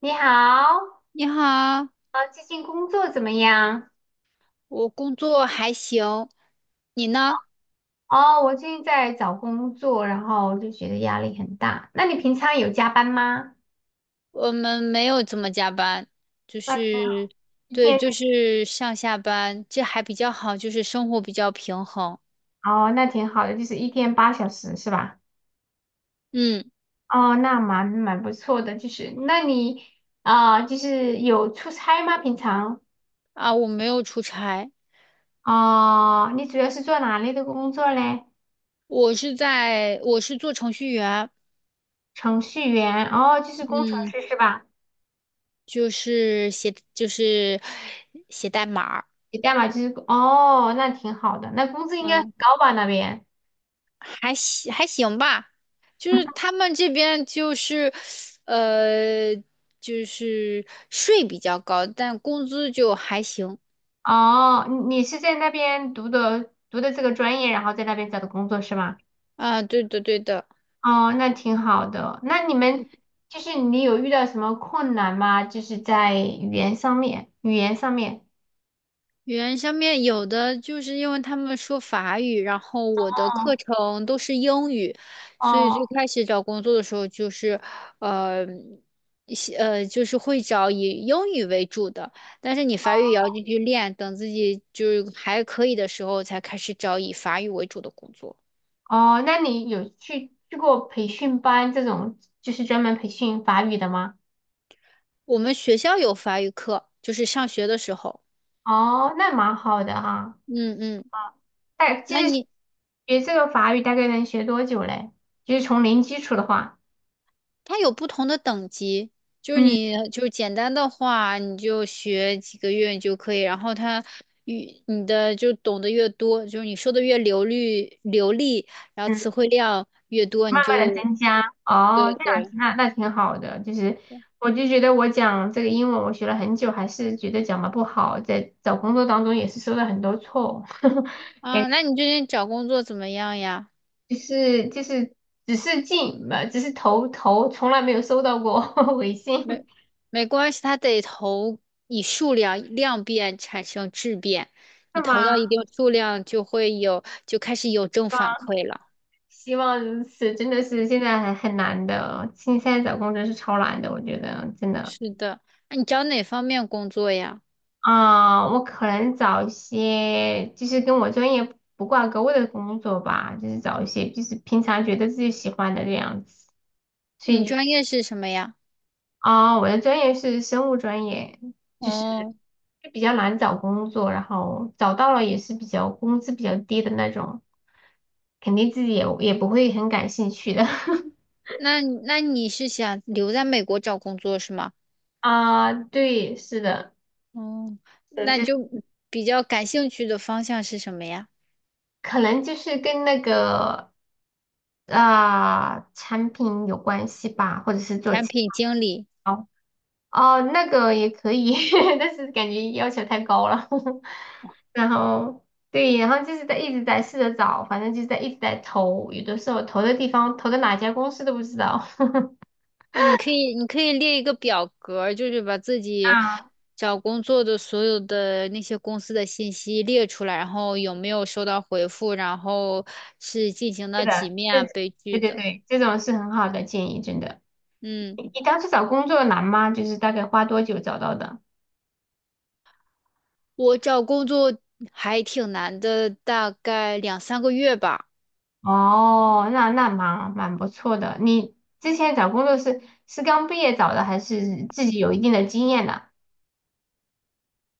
你好，你好，最近工作怎么样？我工作还行，你呢？哦，我最近在找工作，然后就觉得压力很大。那你平常有加班吗？我们没有怎么加班，就那挺好，是，一对，天，就是上下班，这还比较好，就是生活比较平衡。哦，那挺好的，就是一天8小时是吧？嗯，哦，那蛮不错的，就是那你啊，呃就是有出差吗？平常？啊，我没有出差，哦，你主要是做哪类的工作嘞？我是做程序员，程序员，哦，就是工程嗯，师是吧？就是写代码写代码就是，哦，那挺好的，那工资应该很嗯。高吧那边？还行还行吧，就是他们这边就是，呃，就是税比较高，但工资就还行哦，你是在那边读的这个专业，然后在那边找的工作是吗？啊。对的对的，哦，那挺好的。那你们就是你有遇到什么困难吗？就是在语言上面，语言上面。语言上面有的就是因为他们说法语，然后我的课哦程都是英语，所以最哦，开始找工作的时候就是，呃，一些就是会找以英语为主的，但是你法语也要继续练，等自己就是还可以的时候才开始找以法语为主的工作。哦，那你有去过培训班这种，就是专门培训法语的吗？我们学校有法语课，就是上学的时候。哦，那蛮好的哈。嗯嗯，啊，哎，其那实你学这个法语大概能学多久嘞？就是从零基础的话，它有不同的等级，就是嗯你就是简单的话，你就学几个月你就可以，然后它越你的就懂得越多，就是你说的越流利，然后词嗯。汇量越多，你慢慢的就增加哦，对这样对子那挺好的。就是我就觉得我讲这个英文，我学了很久，还是觉得讲的不好，在找工作当中也是收到很多错误，感啊。觉那你最近找工作怎么样呀？就是只是投，从来没有收到过 回没信，没关系，它得投以数量量变产生质变，你是投吗？到一定数量就开始有正反馈了。希望如此，真的是现在还很难的，现在找工作是超难的，我觉得真的。是的，那你找哪方面工作呀？啊、我可能找一些就是跟我专业不挂钩的工作吧，就是找一些就是平常觉得自己喜欢的这样子。所你以就，专业是什么呀？啊、我的专业是生物专业，就是哦，比较难找工作，然后找到了也是比较工资比较低的那种，肯定自己也不会很感兴趣的。那你是想留在美国找工作是吗？啊，对，是的，哦，那就就比较感兴趣的方向是什么呀？可能就是跟那个啊、产品有关系吧，或者是做。产品经理。哦，哦，那个也可以，但是感觉要求太高了。然后对，然后就是在一直在试着找，反正就是在一直在投，有的时候投的地方投的哪家公司都不知道。你可以列一个表格儿就是把自己啊，找工作的所有的那些公司的信息列出来，然后有没有收到回复，然后是进行是到几的，面对啊，被拒对对的。对，这种是很好的建议，真的。嗯，你当时找工作难吗？就是大概花多久找到的？我找工作还挺难的，大概两三个月吧。哦，那蛮不错的。你之前找工作是刚毕业找的，还是自己有一定的经验的？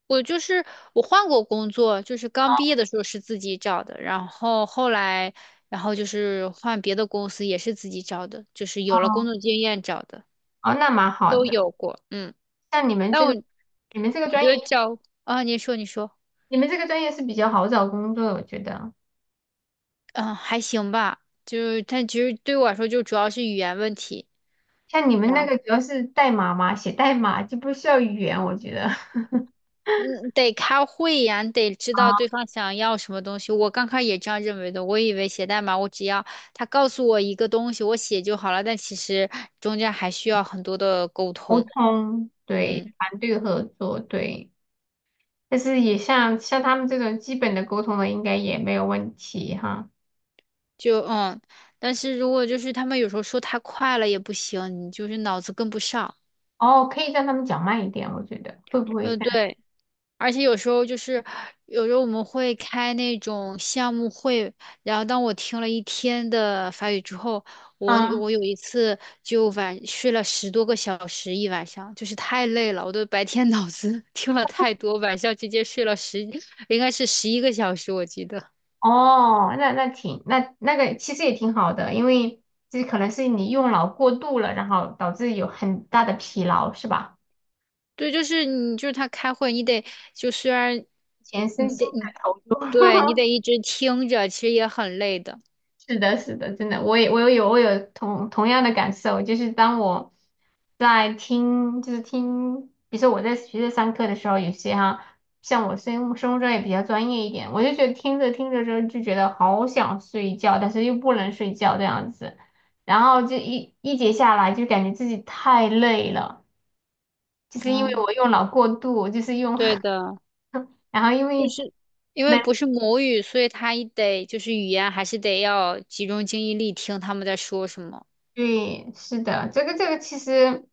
我就是我换过工作，就是刚毕业的时候是自己找的，然后后来，然后就是换别的公司也是自己找的，就是有了工作经验找的，哦，那蛮好都的。有过。嗯，像你们但这我个，你们这个我专觉得业，找啊，你说你说，你们这个专业是比较好找工作的，我觉得。嗯，还行吧，就是但其实对我来说就主要是语言问题。像你们那个主要是代码嘛，写代码就不需要语言，我觉得。嗯，得开会呀，你得知啊，道对方想要什么东西。我刚开始也这样认为的，我以为写代码我只要他告诉我一个东西，我写就好了。但其实中间还需要很多的沟沟通。通，对，嗯，团队合作，对。但是也像他们这种基本的沟通的，应该也没有问题哈。就嗯，但是如果就是他们有时候说太快了也不行，你就是脑子跟不上。哦，可以让他们讲慢一点，我觉得会不会嗯，干？样？对。而且有时候我们会开那种项目会，然后当我听了一天的法语之后，我嗯，我有一次就晚睡了10多个小时一晚上，就是太累了，我都白天脑子 听了太多，晚上直接睡了十，应该是11个小时，我记得。哦，那那挺那那个其实也挺好的，因为这可能是你用脑过度了，然后导致有很大的疲劳，是吧？对，就是你，就是他开会，你得就虽然全身你心得你的投入。对你得一直听着，其实也很累的。是的，是的，真的，我有同样的感受，就是当我在听，就是听，比如说我在学校上课的时候，有些哈，像我生物专业比较专业一点，我就觉得听着听着之后就觉得好想睡觉，但是又不能睡觉这样子，然后就一节下来就感觉自己太累了，就是因为嗯，我用脑过度，就是用，对的。然后因就为是因为那。不是母语，所以他一得就是语言还是得要集中精力听他们在说什么。对，是的，这个其实，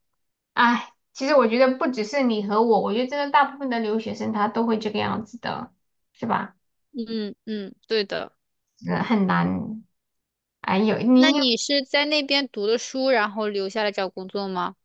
哎，其实我觉得不只是你和我，我觉得真的大部分的留学生他都会这个样子的，是吧？嗯嗯，对的。是很难。哎，有你那你你是在那边读的书，然后留下来找工作吗？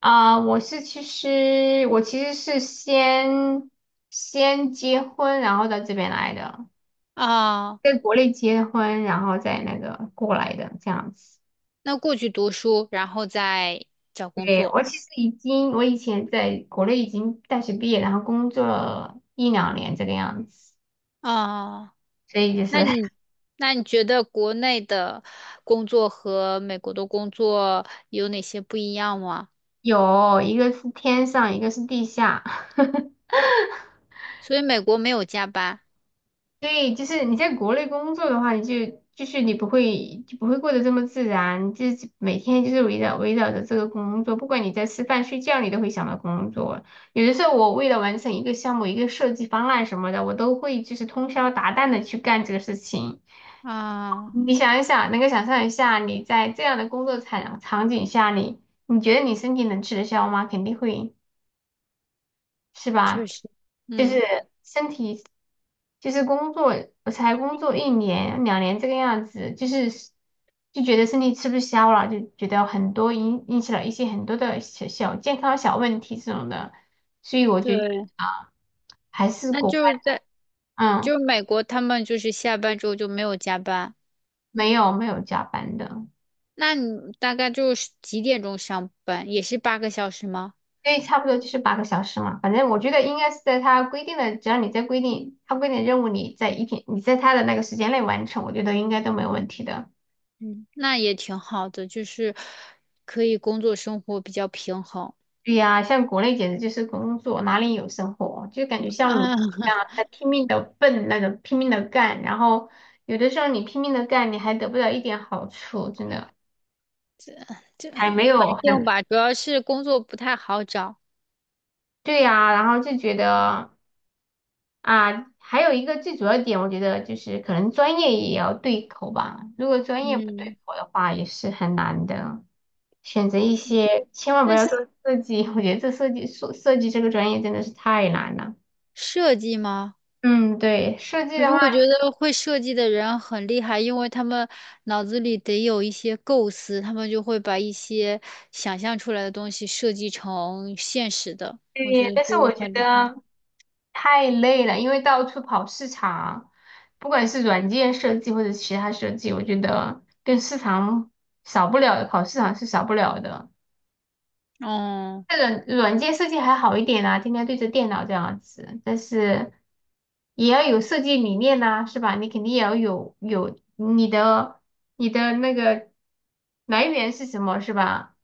啊、我其实是先结婚，然后到这边来的，啊，在国内结婚，然后再那个过来的这样子。那过去读书，然后再找工对，作。我其实已经，我以前在国内已经大学毕业，然后工作了一两年这个样子，啊，所以就是那你那你觉得国内的工作和美国的工作有哪些不一样吗？有一个是天上，一个是地下，所以美国没有加班对，就是你在国内工作的话，就是你不会就不会过得这么自然，就是每天就是围绕着这个工作，不管你在吃饭睡觉，你都会想到工作。有的时候我为了完成一个项目、一个设计方案什么的，我都会就是通宵达旦的去干这个事情。啊，你想一想，能够想象一下，你在这样的工作场景下，你觉得你身体能吃得消吗？肯定会。是确吧？实，就嗯。是身体，就是工作，我才工作一年两年这个样子，就觉得身体吃不消了，就觉得很多引起了一些很多的小小健康小问题这种的，所以我觉得对，啊，还是那国外，就是嗯，美国，他们就是下班之后就没有加班。没有没有加班的，那你大概就是几点钟上班？也是8个小时吗？所以差不多就是8个小时嘛，反正我觉得应该是在他规定的，只要你在规定他规定的任务，你在一天你在他的那个时间内完成，我觉得应该都没有问题的。嗯，那也挺好的，就是可以工作生活比较平衡。对呀，像国内简直就是工作，哪里有生活？就感觉像奴啊，隶一 样在拼命的奔那种，拼命的干，然后有的时候你拼命的干，你还得不到一点好处，真的这这还还没有行很吧，主要是工作不太好找。对呀。然后就觉得啊，还有一个最主要点，我觉得就是可能专业也要对口吧。如果专业不对嗯，口的话，也是很难的。选择一些，千万不要做那设计，我觉得这设计这个专业真的是太难了。设计吗？嗯，对，设计可的是话。我觉得会设计的人很厉害，因为他们脑子里得有一些构思，他们就会把一些想象出来的东西设计成现实的，我对，觉得但是就我觉很厉害。得太累了，因为到处跑市场，不管是软件设计或者其他设计，我觉得跟市场少不了的，跑市场是少不了的。嗯，这个软件设计还好一点啦、天天对着电脑这样子，但是也要有设计理念呐、是吧？你肯定也要有你的那个来源是什么，是吧？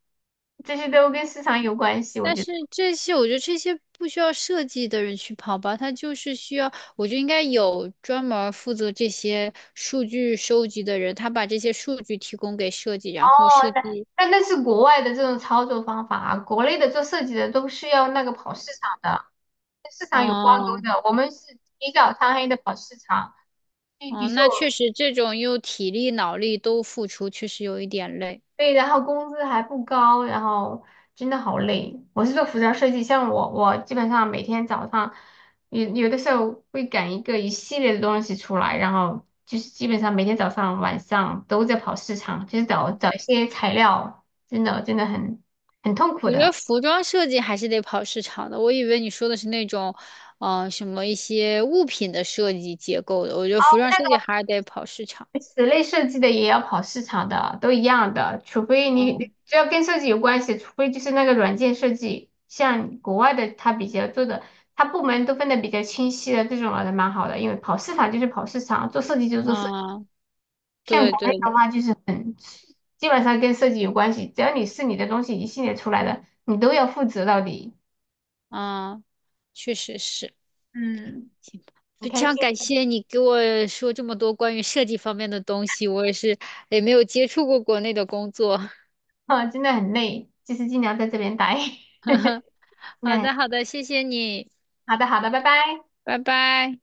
这些都跟市场有关系，我但觉得。是这些我觉得这些不需要设计的人去跑吧，他就是需要，我觉得应该有专门儿负责这些数据收集的人，他把这些数据提供给设计，然后设计。但那是国外的这种操作方法啊，国内的做设计的都是要那个跑市场的，跟市场有挂钩哦、的。我们是起早贪黑的跑市场，就比哦，如说那确我实，这种又体力脑力都付出，确实有一点累。对，然后工资还不高，然后真的好累。我是做服装设计，像我基本上每天早上有的时候会赶一系列的东西出来，然后就是基本上每天早上晚上都在跑市场，就是找找一些材料，真的真的很痛苦我觉得的。服装设计还是得跑市场的。我以为你说的是那种，什么一些物品的设计结构的。我觉得服装设计还是得跑市场。室内设计的也要跑市场的，都一样的，除非你嗯只要跟设计有关系，除非就是那个软件设计，像国外的他比较做的，他部门都分得比较清晰的，这种还蛮好的，因为跑市场就是跑市场，做设计就是做设计。嗯，像对国内对，的话，就是很基本上跟设计有关系，只要你是你的东西一系列出来的，你都要负责到底。嗯，确实是。嗯，行吧很非开心常感谢你给我说这么多关于设计方面的东西，我也是也没有接触过国内的工作。啊，真的很累，就是尽量在这边待。好那的好的，谢谢你，好的，好的，拜拜。拜拜。